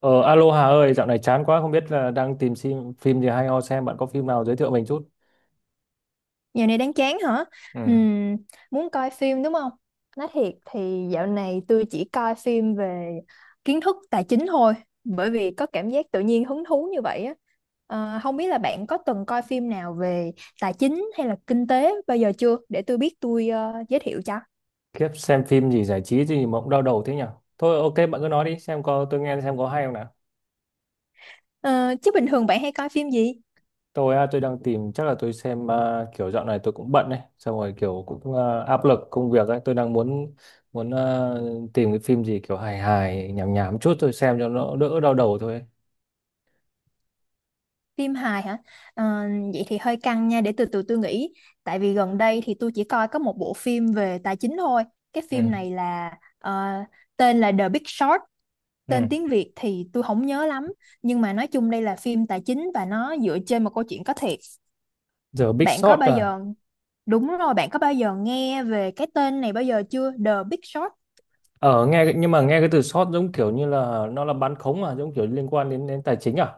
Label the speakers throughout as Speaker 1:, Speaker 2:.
Speaker 1: Ờ, Alo Hà ơi, dạo này chán quá không biết là đang tìm phim gì hay ho xem bạn có phim nào giới thiệu mình chút.
Speaker 2: Dạo này đang chán hả?
Speaker 1: Ừ.
Speaker 2: Ừm, Muốn coi phim đúng không? Nói thiệt thì dạo này tôi chỉ coi phim về kiến thức tài chính thôi, bởi vì có cảm giác tự nhiên hứng thú như vậy á. Không biết là bạn có từng coi phim nào về tài chính hay là kinh tế bao giờ chưa? Để tôi biết tôi giới thiệu cho.
Speaker 1: Khiếp xem phim gì giải trí gì mà cũng đau đầu thế nhỉ. Thôi ok, bạn cứ nói đi xem có tôi nghe xem có hay không nào.
Speaker 2: Ờ, Chứ bình thường bạn hay coi phim gì?
Speaker 1: Tôi đang tìm, chắc là tôi xem, kiểu dạo này tôi cũng bận đấy, xong rồi kiểu cũng, áp lực công việc ấy, tôi đang muốn muốn à, tìm cái phim gì kiểu hài hài nhảm nhảm chút tôi xem cho nó đỡ đau đầu thôi ấy.
Speaker 2: Phim hài hả? Ờ, Vậy thì hơi căng nha, để từ từ tôi nghĩ. Tại vì gần đây thì tôi chỉ coi có một bộ phim về tài chính thôi. Cái
Speaker 1: Ừ.
Speaker 2: phim này là ờ, tên là The Big Short,
Speaker 1: Ừ.
Speaker 2: tên tiếng Việt thì tôi không nhớ lắm. Nhưng mà nói chung đây là phim tài chính và nó dựa trên một câu chuyện có thiệt.
Speaker 1: The Big
Speaker 2: Bạn có
Speaker 1: Short
Speaker 2: bao
Speaker 1: à?
Speaker 2: giờ, đúng rồi, bạn có bao giờ nghe về cái tên này bao giờ chưa? The Big Short.
Speaker 1: Ở nghe nhưng mà nghe cái từ short giống kiểu như là nó là bán khống à, giống kiểu liên quan đến đến tài chính à,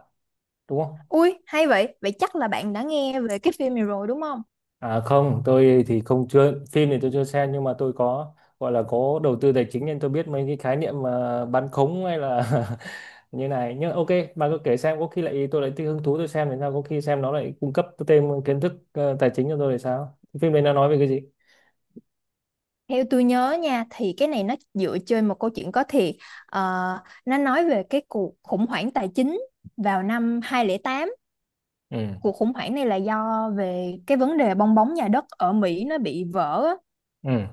Speaker 1: đúng không?
Speaker 2: Ui, hay vậy. Vậy chắc là bạn đã nghe về cái phim này rồi đúng không?
Speaker 1: À không, tôi thì không, chưa, phim thì tôi chưa xem, nhưng mà tôi có, gọi là có đầu tư tài chính nên tôi biết mấy cái khái niệm mà bán khống hay là như này. Nhưng ok, bà cứ kể xem có khi lại tôi lại thích hứng thú tôi xem thì sao, có khi xem nó lại cung cấp thêm kiến thức tài chính cho tôi thì sao? Phim đấy nó nói về cái gì?
Speaker 2: Theo tôi nhớ nha thì cái này nó dựa trên một câu chuyện có thiệt. Ờ, nó nói về cái cuộc khủng hoảng tài chính vào năm 2008,
Speaker 1: Ừ.
Speaker 2: cuộc khủng hoảng này là do về cái vấn đề bong bóng nhà đất ở Mỹ nó bị vỡ á.
Speaker 1: Ừ.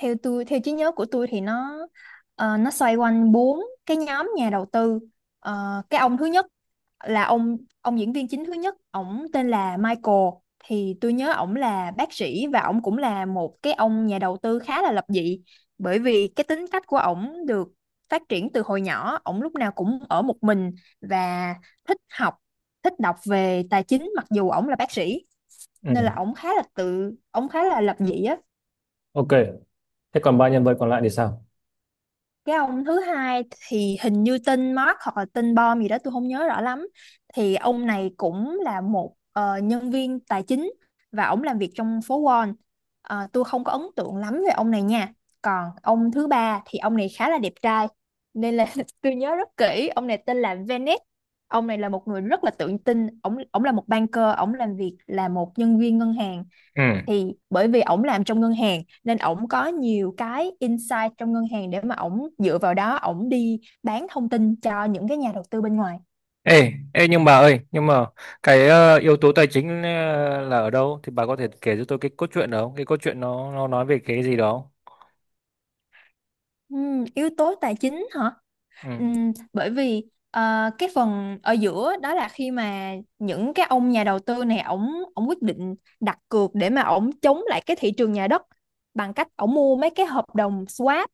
Speaker 2: Theo tôi theo trí nhớ của tôi thì nó xoay quanh bốn cái nhóm nhà đầu tư. Cái ông thứ nhất là ông diễn viên chính thứ nhất, ổng tên là Michael. Thì tôi nhớ ổng là bác sĩ và ổng cũng là một cái ông nhà đầu tư khá là lập dị, bởi vì cái tính cách của ổng được phát triển từ hồi nhỏ, ổng lúc nào cũng ở một mình và thích học, thích đọc về tài chính mặc dù ổng là bác sĩ,
Speaker 1: Ừ.
Speaker 2: nên là ổng khá là lập dị á.
Speaker 1: Ok. Thế còn ba nhân vật còn lại thì sao?
Speaker 2: Cái ông thứ hai thì hình như tên Mark hoặc là tên Bom gì đó tôi không nhớ rõ lắm, thì ông này cũng là một nhân viên tài chính và ông làm việc trong phố Wall. Tôi không có ấn tượng lắm về ông này nha. Còn ông thứ ba thì ông này khá là đẹp trai nên là tôi nhớ rất kỹ ông này, tên là Venice. Ông này là một người rất là tự tin, ông là một banker, ông làm việc là một nhân viên ngân hàng.
Speaker 1: Ừ.
Speaker 2: Thì bởi vì ổng làm trong ngân hàng nên ổng có nhiều cái insight trong ngân hàng để mà ổng dựa vào đó ổng đi bán thông tin cho những cái nhà đầu tư bên ngoài.
Speaker 1: Ê, nhưng bà ơi, nhưng mà cái yếu tố tài chính là ở đâu, thì bà có thể kể cho tôi cái cốt truyện đó không? Cái cốt truyện nó nói về cái gì đó, không?
Speaker 2: Yếu tố tài chính hả?
Speaker 1: Ừ,
Speaker 2: Bởi vì cái phần ở giữa đó là khi mà những cái ông nhà đầu tư này ổng ổng quyết định đặt cược để mà ổng chống lại cái thị trường nhà đất bằng cách ổng mua mấy cái hợp đồng swap.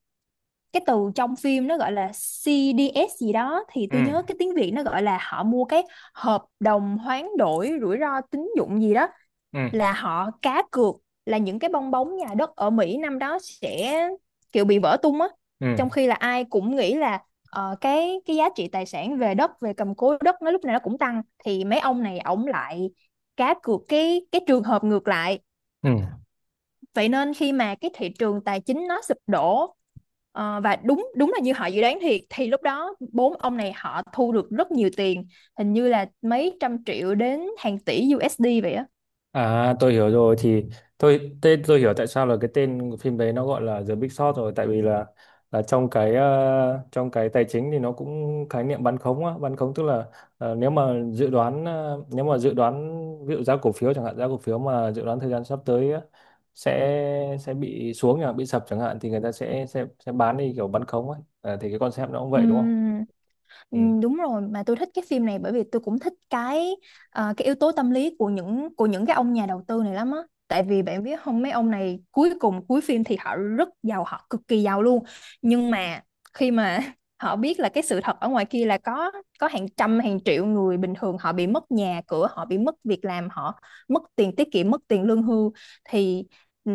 Speaker 2: Cái từ trong phim nó gọi là CDS gì đó, thì
Speaker 1: ừ,
Speaker 2: tôi nhớ cái tiếng Việt nó gọi là họ mua cái hợp đồng hoán đổi rủi ro tín dụng gì đó,
Speaker 1: ừ,
Speaker 2: là họ cá cược là những cái bong bóng nhà đất ở Mỹ năm đó sẽ kiểu bị vỡ tung á,
Speaker 1: ừ,
Speaker 2: trong khi là ai cũng nghĩ là cái giá trị tài sản về đất về cầm cố đất nó lúc nào nó cũng tăng, thì mấy ông này ổng lại cá cược cái trường hợp ngược lại.
Speaker 1: ừ.
Speaker 2: Vậy nên khi mà cái thị trường tài chính nó sụp đổ, và đúng đúng là như họ dự đoán thiệt, thì lúc đó bốn ông này họ thu được rất nhiều tiền, hình như là mấy trăm triệu đến hàng tỷ USD vậy á.
Speaker 1: À, tôi hiểu rồi. Thì tôi hiểu tại sao là cái tên của phim đấy nó gọi là The Big Short rồi, tại vì là trong cái trong cái tài chính thì nó cũng khái niệm bán khống á, bán khống tức là, nếu mà dự đoán, ví dụ giá cổ phiếu chẳng hạn, giá cổ phiếu mà dự đoán thời gian sắp tới á, sẽ bị xuống chẳng bị sập chẳng hạn, thì người ta sẽ bán đi kiểu bán khống ấy. À, thì cái concept nó cũng vậy đúng không?
Speaker 2: Ừm, Ừ,
Speaker 1: Ừ.
Speaker 2: đúng rồi, mà tôi thích cái phim này bởi vì tôi cũng thích cái yếu tố tâm lý của những cái ông nhà đầu tư này lắm á, tại vì bạn biết không, mấy ông này cuối cùng cuối phim thì họ rất giàu, họ cực kỳ giàu luôn. Nhưng mà khi mà họ biết là cái sự thật ở ngoài kia là có hàng trăm hàng triệu người bình thường, họ bị mất nhà cửa, họ bị mất việc làm, họ mất tiền tiết kiệm, mất tiền lương hưu, thì ừ,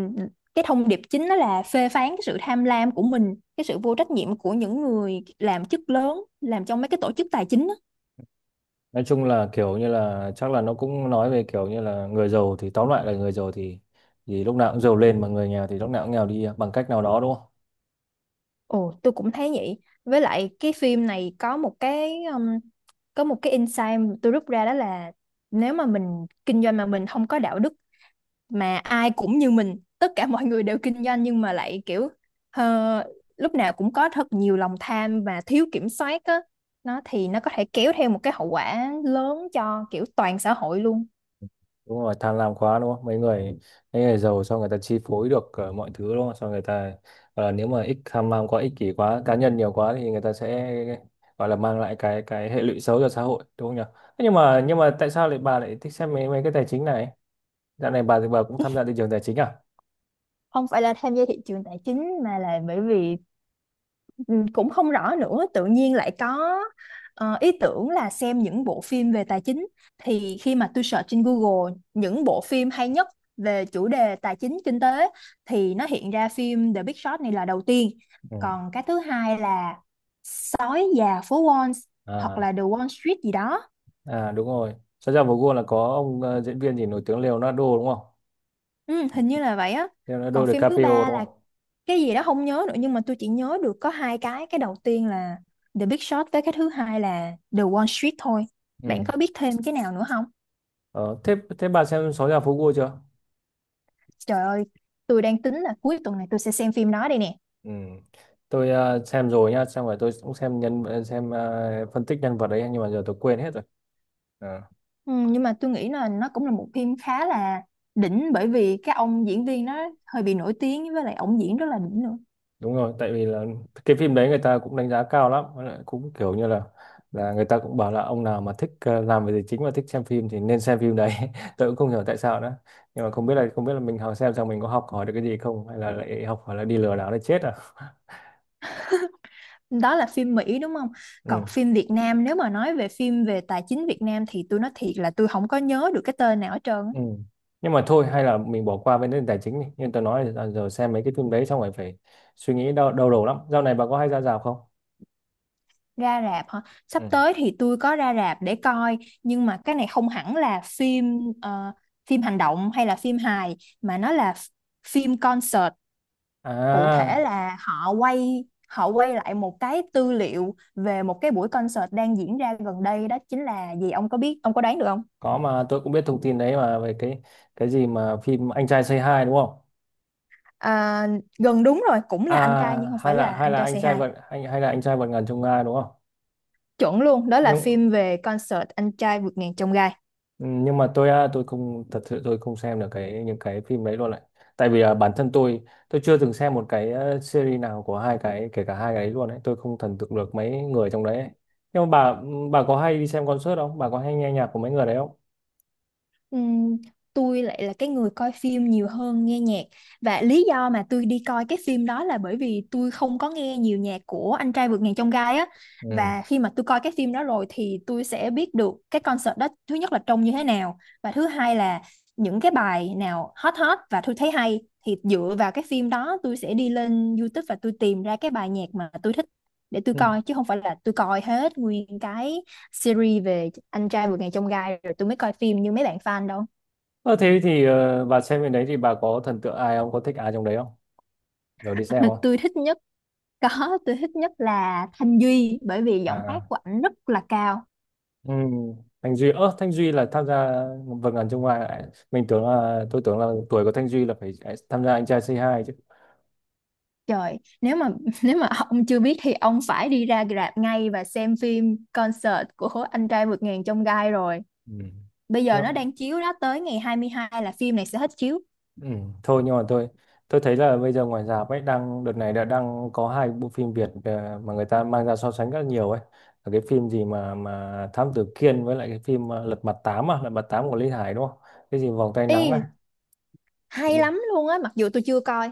Speaker 2: cái thông điệp chính đó là phê phán cái sự tham lam của mình, cái sự vô trách nhiệm của những người làm chức lớn làm trong mấy cái tổ chức tài chính á.
Speaker 1: Nói chung là kiểu như là chắc là nó cũng nói về kiểu như là người giàu, thì tóm lại là người giàu thì lúc nào cũng giàu lên, mà người nghèo thì lúc nào cũng nghèo đi bằng cách nào đó đúng không?
Speaker 2: Ồ, tôi cũng thấy vậy. Với lại cái phim này có một cái insight tôi rút ra, đó là nếu mà mình kinh doanh mà mình không có đạo đức, mà ai cũng như mình, tất cả mọi người đều kinh doanh nhưng mà lại kiểu ờ, lúc nào cũng có thật nhiều lòng tham và thiếu kiểm soát á, nó thì nó có thể kéo theo một cái hậu quả lớn cho kiểu toàn xã hội luôn.
Speaker 1: Đúng rồi, tham lam quá đúng không, mấy người giàu sao người ta chi phối được mọi thứ đúng không, sao người ta gọi là nếu mà ích tham lam quá, ích kỷ quá, cá nhân nhiều quá, thì người ta sẽ gọi là mang lại cái hệ lụy xấu cho xã hội đúng không nhỉ? Thế nhưng mà tại sao lại bà lại thích xem mấy mấy cái tài chính này, dạo này bà thì bà cũng tham gia thị trường tài chính à?
Speaker 2: Không phải là tham gia thị trường tài chính mà là bởi vì ừ, cũng không rõ nữa, tự nhiên lại có ý tưởng là xem những bộ phim về tài chính. Thì khi mà tôi search trên Google những bộ phim hay nhất về chủ đề tài chính kinh tế, thì nó hiện ra phim The Big Short này là đầu tiên.
Speaker 1: Ừ.
Speaker 2: Còn cái thứ hai là Sói già phố Wall, hoặc
Speaker 1: À
Speaker 2: là The Wall Street gì đó.
Speaker 1: À, đúng rồi. Santiago Goal là có ông diễn viên gì nổi tiếng Leonardo đúng không?
Speaker 2: Ừ, hình như là vậy á.
Speaker 1: Leonardo
Speaker 2: Còn phim thứ
Speaker 1: DiCaprio
Speaker 2: ba
Speaker 1: đúng
Speaker 2: là
Speaker 1: không?
Speaker 2: cái gì đó không nhớ nữa, nhưng mà tôi chỉ nhớ được có hai cái đầu tiên là The Big Short với cái thứ hai là The Wall Street thôi. Bạn
Speaker 1: Ừ.
Speaker 2: có biết thêm cái nào nữa không?
Speaker 1: Ờ, thế thế bà xem Sáu nhà phố Gua chưa?
Speaker 2: Trời ơi, tôi đang tính là cuối tuần này tôi sẽ xem phim đó đây nè.
Speaker 1: Ừ. Tôi xem rồi nhá, xong rồi tôi cũng xem phân tích nhân vật đấy, nhưng mà giờ tôi quên hết rồi. Ờ.
Speaker 2: Ừ, nhưng mà tôi nghĩ là nó cũng là một phim khá là đỉnh, bởi vì cái ông diễn viên nó hơi bị nổi tiếng, với lại ông diễn rất là đỉnh nữa.
Speaker 1: Đúng rồi, tại vì là cái phim đấy người ta cũng đánh giá cao lắm, với lại cũng kiểu như là người ta cũng bảo là ông nào mà thích, làm về tài chính và thích xem phim thì nên xem phim đấy. Tôi cũng không hiểu tại sao nữa, nhưng mà không biết là mình học xem xong mình có học hỏi được cái gì không, hay là lại học hỏi là đi lừa đảo để chết à.
Speaker 2: Đó là phim Mỹ đúng không? Còn
Speaker 1: Ừ.
Speaker 2: phim Việt Nam, nếu mà nói về phim về tài chính Việt Nam thì tôi nói thiệt là tôi không có nhớ được cái tên nào hết trơn á.
Speaker 1: Ừ. Nhưng mà thôi hay là mình bỏ qua vấn đề tài chính đi, nhưng tôi nói là giờ xem mấy cái phim đấy xong rồi phải suy nghĩ đau đầu lắm. Dạo này bà có hay ra rạp không?
Speaker 2: Ra rạp hả?
Speaker 1: Ừ.
Speaker 2: Sắp tới thì tôi có ra rạp để coi, nhưng mà cái này không hẳn là phim phim hành động hay là phim hài, mà nó là phim concert. Cụ thể
Speaker 1: À,
Speaker 2: là họ họ quay lại một cái tư liệu về một cái buổi concert đang diễn ra gần đây, đó chính là gì ông có biết, ông có đoán được không?
Speaker 1: có, mà tôi cũng biết thông tin đấy, mà về cái gì mà phim anh trai Say Hi đúng không?
Speaker 2: À, gần đúng rồi, cũng là anh trai nhưng
Speaker 1: À,
Speaker 2: không
Speaker 1: hay
Speaker 2: phải
Speaker 1: là
Speaker 2: là
Speaker 1: hay
Speaker 2: anh
Speaker 1: là
Speaker 2: trai
Speaker 1: anh
Speaker 2: Say
Speaker 1: trai
Speaker 2: Hi.
Speaker 1: vượt anh hay là anh trai vượt ngàn chông gai đúng không?
Speaker 2: Chuẩn luôn, đó là
Speaker 1: nhưng
Speaker 2: phim về concert anh trai vượt ngàn chông gai.
Speaker 1: ừ, nhưng mà tôi không thật sự, tôi không xem được cái những cái phim đấy luôn, lại tại vì, bản thân tôi chưa từng xem một cái series nào của hai cái, kể cả hai cái đấy luôn ấy, tôi không thần tượng được mấy người trong đấy ấy. Nhưng mà bà có hay đi xem concert không, bà có hay nghe nhạc của mấy người đấy không?
Speaker 2: Ừm, tôi lại là cái người coi phim nhiều hơn nghe nhạc, và lý do mà tôi đi coi cái phim đó là bởi vì tôi không có nghe nhiều nhạc của Anh trai vượt ngàn chông gai á.
Speaker 1: Ừ.
Speaker 2: Và khi mà tôi coi cái phim đó rồi thì tôi sẽ biết được cái concert đó, thứ nhất là trông như thế nào, và thứ hai là những cái bài nào hot hot và tôi thấy hay, thì dựa vào cái phim đó tôi sẽ đi lên YouTube và tôi tìm ra cái bài nhạc mà tôi thích để tôi
Speaker 1: Ừ.
Speaker 2: coi, chứ không phải là tôi coi hết nguyên cái series về anh trai vượt ngàn chông gai rồi tôi mới coi phim như mấy bạn fan đâu.
Speaker 1: Ờ, thế thì, bà xem bên đấy thì bà có thần tượng ai không, có thích ai trong đấy không, rồi đi xem không?
Speaker 2: Tôi thích nhất, có, tôi thích nhất là Thanh Duy, bởi vì giọng hát
Speaker 1: À.
Speaker 2: của ảnh rất là cao.
Speaker 1: Ừ. Thanh Duy là tham gia, vâng ẩn trong ngoài, mình tưởng là tôi tưởng là tuổi của Thanh Duy là phải, tham gia anh trai Say Hi chứ.
Speaker 2: Trời, nếu mà nếu mà ông chưa biết thì ông phải đi ra rạp ngay và xem phim concert của anh trai vượt ngàn chông gai rồi.
Speaker 1: Ừ.
Speaker 2: Bây giờ nó
Speaker 1: Nhưng,
Speaker 2: đang chiếu đó, tới ngày 22 là phim này sẽ hết chiếu.
Speaker 1: ừ, thôi nhưng mà tôi thấy là bây giờ ngoài rạp ấy đang đợt này đã đang có hai bộ phim Việt mà người ta mang ra so sánh rất nhiều ấy, là cái phim gì mà Thám Tử Kiên, với lại cái phim Lật Mặt Tám của Lý Hải đúng không, cái gì vòng tay nắng ấy.
Speaker 2: Y, hay lắm luôn á mặc dù tôi chưa coi.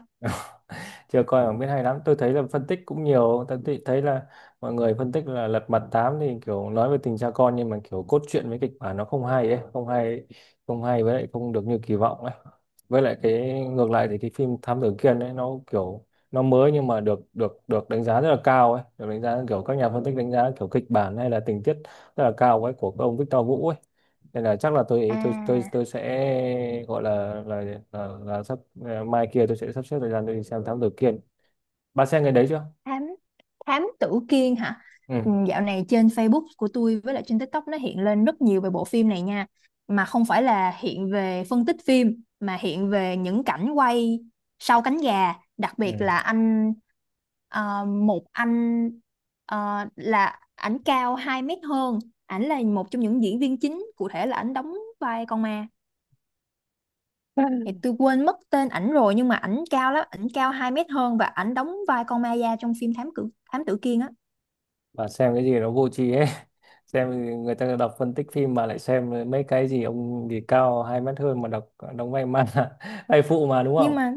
Speaker 1: Chưa coi bảng biết hay lắm. Tôi thấy là phân tích cũng nhiều, tôi thấy thấy là mọi người phân tích là Lật Mặt Tám thì kiểu nói về tình cha con, nhưng mà kiểu cốt truyện với kịch bản nó không hay ấy, không hay, không hay với lại không được như kỳ vọng ấy. Với lại cái ngược lại, thì cái phim Thám Tử Kiên ấy, nó kiểu nó mới nhưng mà được được được đánh giá rất là cao ấy, được đánh giá kiểu các nhà phân tích đánh giá kiểu kịch bản hay là tình tiết rất là cao ấy, của ông Victor Vũ ấy. Nên là chắc là tôi tôi tôi
Speaker 2: À,
Speaker 1: tôi sẽ gọi là là sắp, mai kia tôi sẽ sắp xếp thời gian tôi đi xem Thám Tử Kiên. Bà xem cái đấy chưa?
Speaker 2: Thám thám tử Kiên hả?
Speaker 1: Ừ.
Speaker 2: Ừ, dạo này trên Facebook của tôi với lại trên TikTok nó hiện lên rất nhiều về bộ phim này nha. Mà không phải là hiện về phân tích phim mà hiện về những cảnh quay sau cánh gà, đặc biệt là
Speaker 1: Ừ.
Speaker 2: anh một anh là ảnh cao 2 mét hơn, ảnh là một trong những diễn viên chính, cụ thể là ảnh đóng vai con ma. Thì tôi quên mất tên ảnh rồi, nhưng mà ảnh cao lắm, ảnh cao 2 mét hơn và ảnh đóng vai con ma da trong phim Thám Tử Kiên á.
Speaker 1: Bà xem cái gì nó vô tri hết. Xem người ta đọc phân tích phim mà lại xem mấy cái gì ông gì cao 2 mét hơn mà đọc đóng vai man, vai phụ mà đúng
Speaker 2: Nhưng
Speaker 1: không?
Speaker 2: mà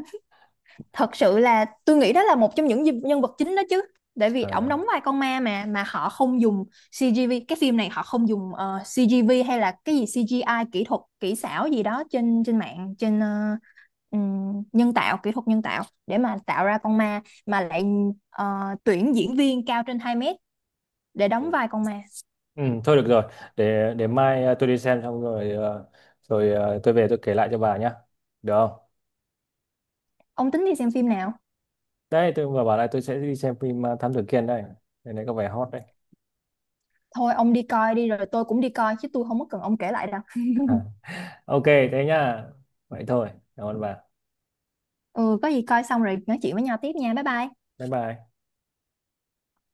Speaker 2: thật sự là tôi nghĩ đó là một trong những nhân vật chính đó chứ, tại vì ổng
Speaker 1: À.
Speaker 2: đóng vai con ma mà họ không dùng CGV. Cái phim này họ không dùng CGV hay là cái gì CGI, kỹ thuật kỹ xảo gì đó trên trên mạng, trên nhân tạo, kỹ thuật nhân tạo để mà tạo ra con ma, mà lại ờ, tuyển diễn viên cao trên 2 mét để đóng
Speaker 1: Ừ.
Speaker 2: vai con ma.
Speaker 1: Ừ, thôi được rồi. Để mai, tôi đi xem xong rồi, tôi về tôi kể lại cho bà nhá. Được không?
Speaker 2: Ông tính đi xem phim nào?
Speaker 1: Đấy, tôi vừa bảo là tôi sẽ đi xem phim, Thám Tử Kiên đây. Đây này có vẻ hot đấy.
Speaker 2: Thôi ông đi coi đi rồi tôi cũng đi coi, chứ tôi không có cần ông kể lại đâu.
Speaker 1: Ok, thế nhá. Vậy thôi. Cảm ơn bà.
Speaker 2: Ừ, có gì coi xong rồi nói chuyện với nhau tiếp nha, bye bye.
Speaker 1: Bye bye.